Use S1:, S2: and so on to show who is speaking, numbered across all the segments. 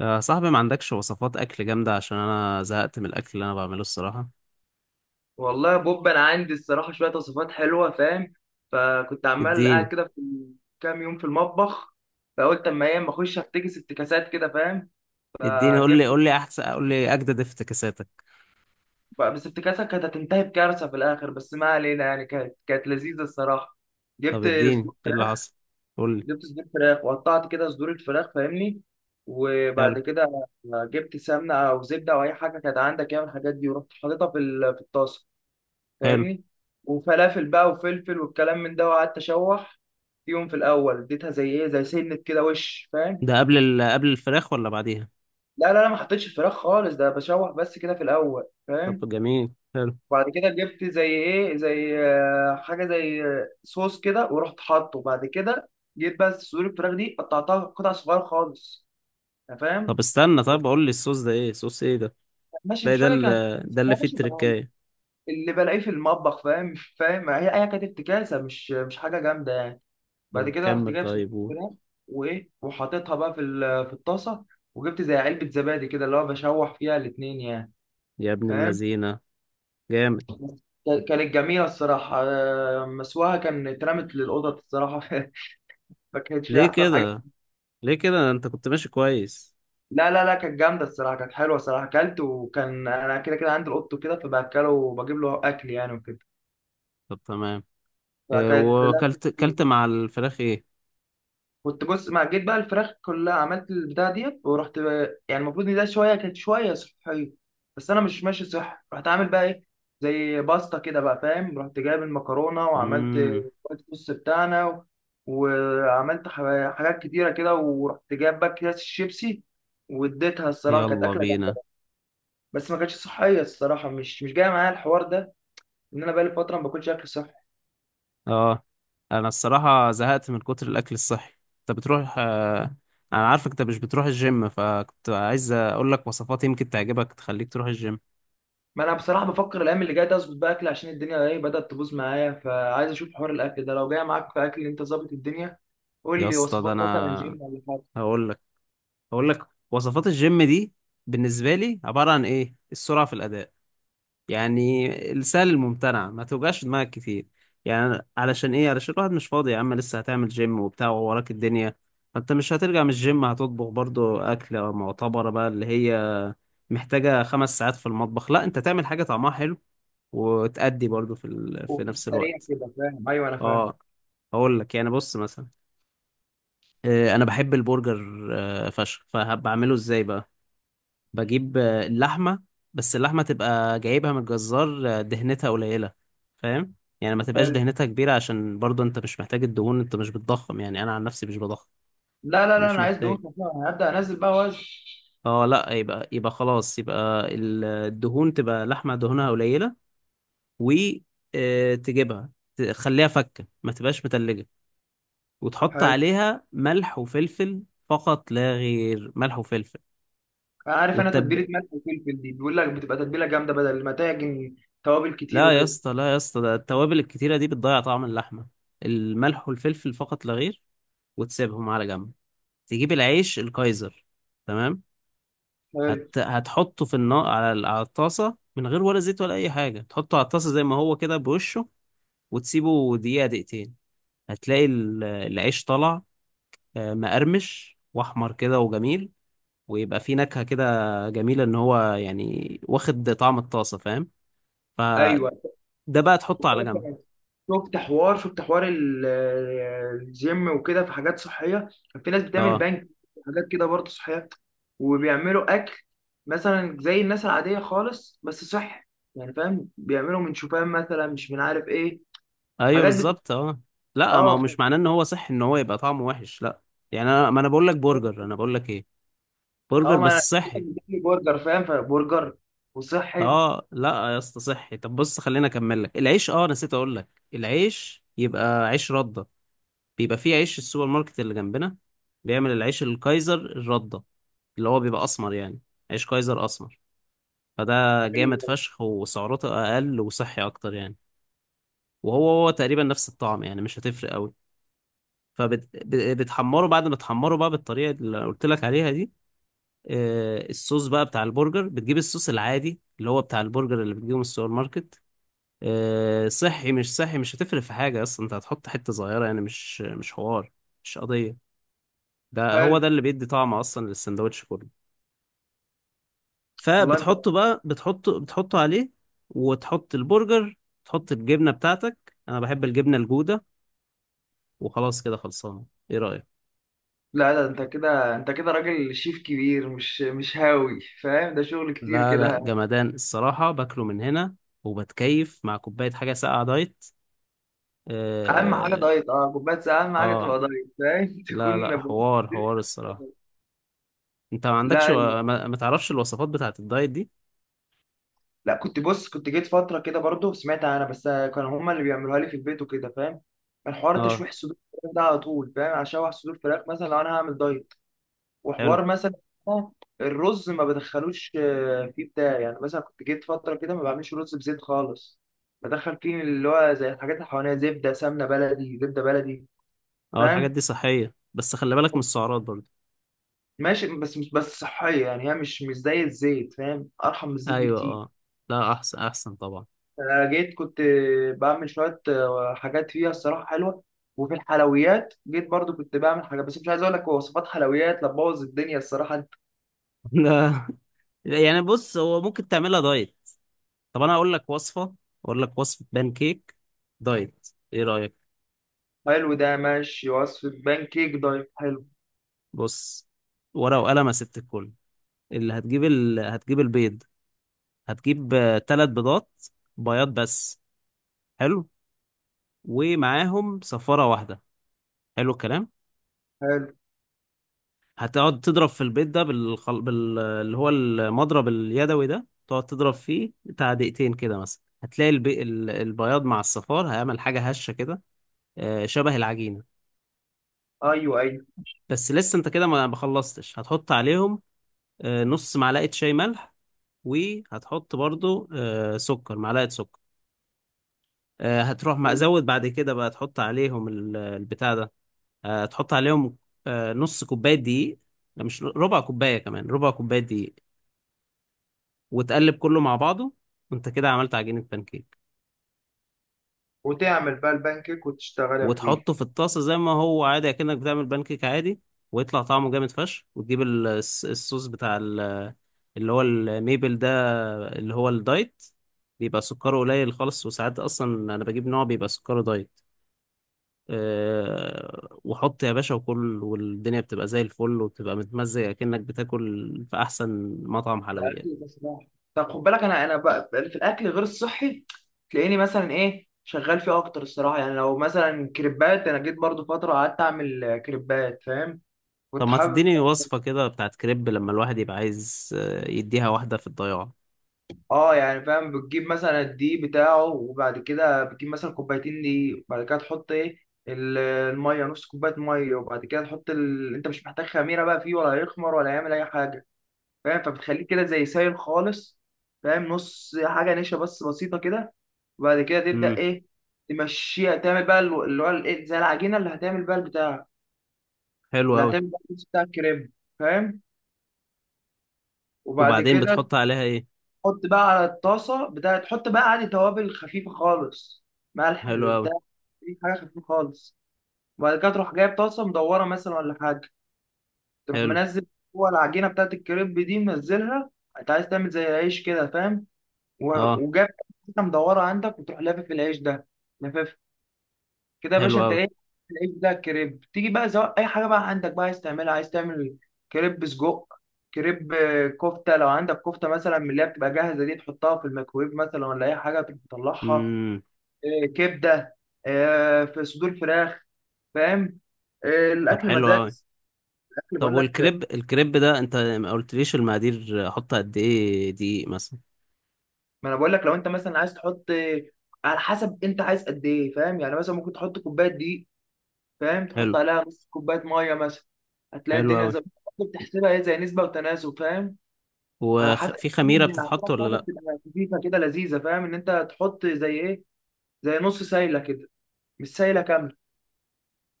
S1: يا صاحبي، ما عندكش وصفات اكل جامده؟ عشان انا زهقت من الاكل اللي انا بعمله الصراحه.
S2: والله يا بوب، انا عندي الصراحه شويه وصفات حلوه، فاهم؟ فكنت عمال قاعد
S1: اديني
S2: كده في كام يوم في المطبخ، فقلت اما ايه اما اخش افتكاسات كده، فاهم؟
S1: اديني. قول لي
S2: فجبت،
S1: قول لي احسن قول لي اجدد افتكاساتك.
S2: بس افتكاسه كانت هتنتهي بكارثه في الاخر، بس ما علينا، يعني كانت لذيذه الصراحه.
S1: طب
S2: جبت
S1: اديني،
S2: صدور
S1: ايه اللي
S2: فراخ
S1: حصل؟ قول لي.
S2: جبت صدور فراخ وقطعت كده صدور الفراخ، فاهمني؟
S1: حلو.
S2: وبعد كده جبت سمنه او زبده او اي حاجه كانت عندك، يعني من الحاجات دي، ورحت حاططها في الطاسه،
S1: حلو.
S2: فاهمني؟ وفلافل بقى وفلفل والكلام من ده، وقعدت اشوح فيهم في الاول، اديتها زي ايه زي سنه كده وش، فاهم؟
S1: ده قبل قبل الفراخ ولا بعديها؟
S2: لا لا لا، ما حطيتش الفراخ خالص، ده بشوح بس كده في الاول، فاهم؟
S1: طب جميل، حلو.
S2: وبعد كده جبت زي ايه زي حاجه زي صوص كده، ورحت حاطه. بعد كده جيت بس صدور الفراخ دي قطعتها قطع صغيره خالص، أنت
S1: طب
S2: فاهم؟
S1: استنى، طب قول لي الصوص ده ايه؟ صوص ايه ده؟
S2: ماشي،
S1: تلاقي
S2: مش
S1: ده
S2: فاكر كانت.
S1: ده اللي
S2: يا
S1: فيه
S2: باشا، ده
S1: التركايه.
S2: اللي بلاقيه في المطبخ، فاهم؟ فاهم؟ هي كانت افتكاسه، مش حاجه جامده يعني. بعد
S1: طب
S2: كده رحت
S1: كمل،
S2: جايب صدور
S1: طيب قول.
S2: فراخ، وايه، وحاططها بقى في الطاسه، وجبت زي علبه زبادي كده، اللي هو بشوح فيها الاتنين يعني،
S1: يا ابن
S2: فاهم؟
S1: اللذينه، جامد.
S2: كانت جميله الصراحه. مسواها كان اترمت للقطط الصراحه. ما كانتش
S1: ليه
S2: احسن حاجه.
S1: كده؟ ليه كده؟ ده انت كنت ماشي كويس.
S2: لا لا لا، كانت جامده الصراحه، كانت حلوه الصراحه، اكلت، وكان انا كده كده عندي القط كده فباكله وبجيب له اكل يعني وكده.
S1: طب تمام. إيه
S2: فكانت لا.
S1: وكلت؟ كلت مع الفراخ ايه؟
S2: كنت بص، ما جيت بقى الفراخ كلها، عملت البتاع ديت، ورحت بقى يعني المفروض ان ده شويه كانت شويه صحيه، بس انا مش ماشي صح، رحت عامل بقى ايه، زي باستا كده بقى، فاهم؟ رحت جايب المكرونه وعملت
S1: مم.
S2: الوايت صوص بتاعنا وعملت حاجات كتيره كده، ورحت جايب بقى اكياس الشيبسي، واديتها. الصراحه كانت
S1: يلا
S2: اكله
S1: بينا.
S2: جامده، بس ما كانتش صحيه الصراحه، مش جايه معايا الحوار ده، ان انا بقالي فتره ما باكلش اكل صحي.
S1: اه. انا الصراحة زهقت من كتر الاكل الصحي. انت بتروح انا عارفك انت مش بتروح الجيم، فكنت عايز اقول لك وصفات يمكن تعجبك تخليك تروح الجيم.
S2: ما انا بصراحه بفكر الايام اللي جايه دي اظبط بقى اكل، عشان الدنيا ايه بدات تبوظ معايا، فعايز اشوف حوار الاكل ده لو جاي معاك في اكل انت ظابط الدنيا.
S1: يا
S2: قول لي
S1: اسطى، ده
S2: وصفات مثلا
S1: انا
S2: جيم ولا حاجه.
S1: هقول لك هقول لك وصفات الجيم دي بالنسبة لي عبارة عن ايه؟ السرعة في الاداء. يعني السهل الممتنع، ما توجعش دماغك كتير. يعني علشان ايه؟ علشان الواحد مش فاضي يا عم، لسه هتعمل جيم وبتاع ووراك الدنيا. فانت مش هترجع من الجيم هتطبخ برضو اكلة معتبرة بقى اللي هي محتاجة 5 ساعات في المطبخ، لا انت تعمل حاجة طعمها حلو وتأدي برضو في في
S2: وفي
S1: نفس
S2: السريع
S1: الوقت.
S2: كده، فاهم؟ ايوه انا فاهم.
S1: اه. هقول لك يعني، بص مثلا، انا بحب البرجر فشخ، فبعمله ازاي بقى؟ بجيب اللحمة. بس اللحمة تبقى جايبها من الجزار، دهنتها قليلة، فاهم؟ يعني ما تبقاش
S2: حلو.
S1: دهنتها كبيرة، عشان برضه انت مش محتاج الدهون، انت مش بتضخم، يعني انا عن نفسي مش بضخم.
S2: لا لا لا،
S1: فمش
S2: انا عايز دهون
S1: محتاج.
S2: خفيفه، انا هبدا انزل بقى وزن.
S1: اه لا، يبقى خلاص يبقى الدهون، تبقى لحمة دهونها قليلة. و تجيبها، تخليها فكة، ما تبقاش متلجة. وتحط
S2: حلو.
S1: عليها ملح وفلفل، فقط لا غير، ملح وفلفل.
S2: انا عارف، انا
S1: والتب...
S2: تتبيله ملح وفلفل دي بيقول لك بتبقى تتبيله جامده بدل ما تعجن توابل كتير
S1: لا يا
S2: وكده.
S1: اسطى، لا يا اسطى، ده التوابل الكتيرة دي بتضيع طعم اللحمة. الملح والفلفل فقط لا غير. وتسيبهم على جنب. تجيب العيش الكايزر. تمام.
S2: حلو.
S1: هتحطه في النار على على الطاسة من غير ولا زيت ولا أي حاجة، تحطه على الطاسة زي ما هو كده، بوشه. وتسيبه دقيقة دقيقتين، هتلاقي العيش طلع مقرمش وأحمر كده وجميل، ويبقى فيه نكهة كده جميلة، إن هو يعني واخد طعم الطاسة، فاهم؟
S2: ايوه،
S1: فده بقى تحطه على جنب.
S2: شفت حوار، شفت حوار الجيم وكده في حاجات صحية. كان في ناس بتعمل
S1: اه.
S2: بنك حاجات كده برضه صحية، وبيعملوا أكل، مثلا زي الناس العادية خالص بس صحي، يعني فاهم؟ بيعملوا من شوفان مثلا، مش من عارف إيه
S1: ايوه
S2: حاجات
S1: بالظبط، اه. لا، ما
S2: آه
S1: هو
S2: ف-
S1: مش معناه ان هو صحي ان هو يبقى طعمه وحش، لا. يعني ما انا بقول لك برجر، انا بقول لك ايه؟ برجر
S2: آه، ما أنا
S1: بس صحي.
S2: بتاكل برجر، فاهم؟ فبرجر وصحي.
S1: اه لا يا اسطى، صحي. طب بص، خليني اكمل لك العيش. اه نسيت اقول لك، العيش يبقى عيش رده. بيبقى فيه عيش السوبر ماركت اللي جنبنا بيعمل العيش الكايزر الرده، اللي هو بيبقى اسمر يعني، عيش كايزر اسمر. فده جامد فشخ، وسعراته اقل وصحي اكتر يعني. وهو هو تقريبا نفس الطعم، يعني مش هتفرق قوي. فبتحمره، بعد ما تحمره بقى بالطريقه اللي قلت لك عليها دي، الصوص بقى بتاع البرجر، بتجيب الصوص العادي اللي هو بتاع البرجر اللي بتجيبه من السوبر ماركت. صحي مش صحي مش هتفرق في حاجه اصلا، انت هتحط حته صغيره يعني، مش حوار، مش قضيه. ده هو
S2: حلو.
S1: ده اللي بيدي طعم اصلا للسندوتش كله.
S2: والله انت.
S1: فبتحطه بقى، بتحطه عليه. وتحط البرجر. تحط الجبنه بتاعتك، انا بحب الجبنه الجوده. وخلاص كده خلصانه. ايه رايك؟
S2: لا، ده انت كده، انت كده راجل شيف كبير، مش هاوي، فاهم؟ ده شغل كتير
S1: لا لا،
S2: كده.
S1: جمدان الصراحة، باكله من هنا، وبتكيف مع كوباية حاجة ساقعة دايت.
S2: اهم حاجه
S1: اه.
S2: دايت. اه، بس اهم حاجه
S1: آه.
S2: تبقى دايت، فاهم؟
S1: لا
S2: تكون
S1: لا،
S2: بص.
S1: حوار حوار الصراحة. انت ما عندكش
S2: لا
S1: ما تعرفش الوصفات بتاعة الدايت دي؟
S2: لا، كنت بص، كنت جيت فتره كده برضو، سمعت انا بس كانوا هما اللي بيعملوها لي في البيت وكده، فاهم؟ الحوار
S1: اه.
S2: تشويح صدور الفراخ ده على طول، فاهم؟ اشوح صدور فراخ مثلا لو انا هعمل دايت،
S1: حلو.
S2: وحوار مثلا الرز ما بدخلوش فيه بتاع، يعني مثلا كنت جيت فتره كده ما بعملش رز بزيت خالص، بدخل فيه اللي هو زي الحاجات اللي حواليا، زبده، سمنه بلدي، زبده بلدي،
S1: اه، الحاجات
S2: فاهم؟
S1: دي صحية بس خلي بالك من السعرات برضه.
S2: ماشي، بس مش بس صحية، يعني هي مش زي الزيت، فاهم؟ أرحم من الزيت
S1: ايوه
S2: بكتير.
S1: اه. لا، احسن احسن طبعا.
S2: جيت كنت بعمل شوية حاجات فيها الصراحة حلوة. وفي الحلويات جيت برضو كنت بعمل حاجة، بس مش عايز أقول لك وصفات حلويات لبوظ الدنيا الصراحة أنت.
S1: لا، يعني بص هو ممكن تعملها دايت. طب انا اقول لك وصفة بان كيك دايت. ايه رأيك؟
S2: حلو، ده ماشي وصفة بان كيك دايت، حلو.
S1: بص، ورقة وقلم يا ست الكل. اللي هتجيب هتجيب البيض. هتجيب ثلاث بيضات، بياض بس. حلو. ومعاهم صفارة واحدة. حلو الكلام.
S2: حلو.
S1: هتقعد تضرب في البيض ده اللي هو المضرب اليدوي ده، تقعد تضرب فيه بتاع دقيقتين كده مثلا، هتلاقي البياض مع الصفار هيعمل حاجة هشة كده، شبه العجينة.
S2: أيوه أيوه.
S1: بس لسه انت كده ما خلصتش، هتحط عليهم نص معلقة شاي ملح، وهتحط برضو آه، سكر معلقة سكر. هتروح مزود بعد كده بقى، تحط عليهم البتاع ده، تحط عليهم نص كوباية دقيق. لا مش ربع كوباية، كمان ربع كوباية دقيق. وتقلب كله مع بعضه، وانت كده عملت عجينة بانكيك.
S2: وتعمل بقى البان كيك وتشتغلها فيه.
S1: وتحطه في الطاسة زي ما هو عادي كأنك بتعمل بانكيك عادي، ويطلع طعمه جامد فشخ. وتجيب الصوص بتاع اللي هو الميبل ده، اللي هو الدايت، بيبقى سكره قليل خالص، وساعات اصلا انا بجيب نوع بيبقى سكره دايت. وحط يا باشا وكل، والدنيا بتبقى زي الفل وبتبقى متمزج، أكنك بتاكل في أحسن مطعم
S2: ده
S1: حلويات.
S2: اكل بصراحه. طب خد بالك، انا بقى في الاكل غير الصحي، تلاقيني مثلا ايه شغال فيه اكتر الصراحه. يعني لو مثلا كريبات، انا جيت برضو فتره قعدت اعمل كريبات، فاهم؟
S1: طب
S2: كنت
S1: ما
S2: حابب.
S1: تديني وصفة كده بتاعت كريب لما الواحد يبقى عايز يديها واحدة في الضياع.
S2: اه، يعني فاهم، بتجيب مثلا الدقيق بتاعه، وبعد كده بتجيب مثلا كوبايتين دقيق، وبعد كده تحط ايه الميه، نص كوبايه ميه، وبعد كده تحط انت مش محتاج خميره بقى فيه، ولا هيخمر ولا يعمل اي حاجه، فاهم؟ فبتخليه كده زي سايل خالص، فاهم؟ نص حاجه نشا بس بسيطه كده. وبعد كده تبدا
S1: امم.
S2: ايه، تمشيها، تعمل بقى اللي هو الايه، زي العجينه اللي هتعمل بقى البتاع،
S1: حلو
S2: اللي
S1: أوي.
S2: هتعمل بقى الصوص بتاع الكريم، فاهم؟ وبعد
S1: وبعدين
S2: كده
S1: بتحط عليها إيه؟
S2: تحط بقى على الطاسه بتاع، تحط بقى عادي توابل خفيفه خالص، ملح
S1: حلو أوي.
S2: بتاع، أي حاجه خفيفه خالص. وبعد كده تروح جايب طاسه مدوره مثلا ولا حاجه، تروح
S1: حلو.
S2: منزل جوه العجينه بتاعت الكريب دي، منزلها. انت عايز تعمل زي العيش كده، فاهم؟
S1: أه.
S2: وجاب حته مدوره عندك، وتروح لافف العيش ده، لافف كده يا
S1: حلو
S2: باشا انت
S1: أوي.
S2: ايه. العيش ده كريب، تيجي بقى سواء اي حاجه بقى عندك بقى عايز تعملها، عايز تعمل كريب سجق، كريب كفته، لو عندك كفته مثلا من اللي هي بتبقى جاهزه دي، تحطها في الميكرويف مثلا ولا اي حاجه، تطلعها.
S1: امم.
S2: كبده، في صدور فراخ، فاهم؟
S1: طب
S2: الاكل
S1: حلو
S2: مزاج.
S1: أوي.
S2: الاكل
S1: طب
S2: بقول لك،
S1: والكريب، الكريب ده أنت ما قلتليش المقادير، أحط قد إيه دقيق مثلا؟
S2: ما انا بقول لك لو انت مثلا عايز تحط على حسب انت عايز قد ايه، فاهم؟ يعني مثلا ممكن تحط كوبايه دقيق، فاهم؟
S1: حلو.
S2: تحط عليها نص كوبايه ميه مثلا، هتلاقي
S1: حلو
S2: الدنيا
S1: أوي.
S2: زي، بتحسبها ايه، زي نسبه وتناسب، فاهم؟ على حسب
S1: وفي
S2: ان
S1: خميرة
S2: العجينه
S1: بتتحط ولا
S2: بتاعتك
S1: لأ؟
S2: تبقى خفيفه كده لذيذه، فاهم؟ ان انت تحط زي ايه، زي نص سايله كده، مش سايله كامله.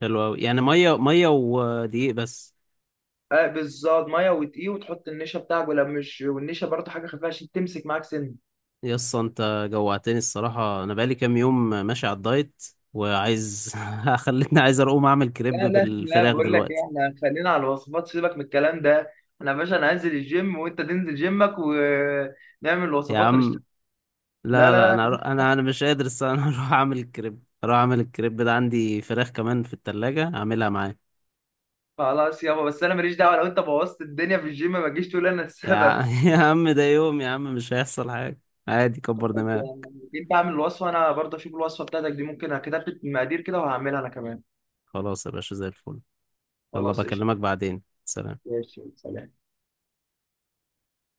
S1: حلو أوي. يعني مية ودقيق بس.
S2: اه بالظبط، ميه ودقيق، وتحط النشا بتاعك ولا مش، والنشا برضه حاجه خفيفه عشان تمسك معاك سن.
S1: يسا انت جوعتني الصراحة، أنا بقالي كام يوم ماشي على الدايت، وعايز خلتني عايز أقوم أعمل كريب
S2: لا لا لا،
S1: بالفراخ
S2: بقول لك ايه،
S1: دلوقتي.
S2: احنا خلينا على الوصفات، سيبك من الكلام ده. انا يا باشا، انا هنزل الجيم، وانت تنزل جيمك، ونعمل
S1: يا
S2: الوصفات
S1: عم،
S2: ونشتغل. لا
S1: لا لا،
S2: لا لا.
S1: أنا مش قادر الصراحة. أنا هروح أعمل الكريب ده عندي فراخ كمان في التلاجة أعملها معاه.
S2: خلاص يابا، بس انا ماليش دعوه، لو انت بوظت الدنيا في الجيم ما تجيش تقول انا السبب.
S1: يا عم ده يوم يا عم مش هيحصل حاجة، عادي، كبر
S2: خلاص يا عم.
S1: دماغك.
S2: انت اعمل الوصفه، انا برضه اشوف الوصفه بتاعتك دي، ممكن كتبت مقادير كده وهعملها انا كمان.
S1: خلاص يا باشا، زي الفل. يلا
S2: خلاص قشطه.
S1: بكلمك بعدين، سلام.
S2: ماشي، سلام.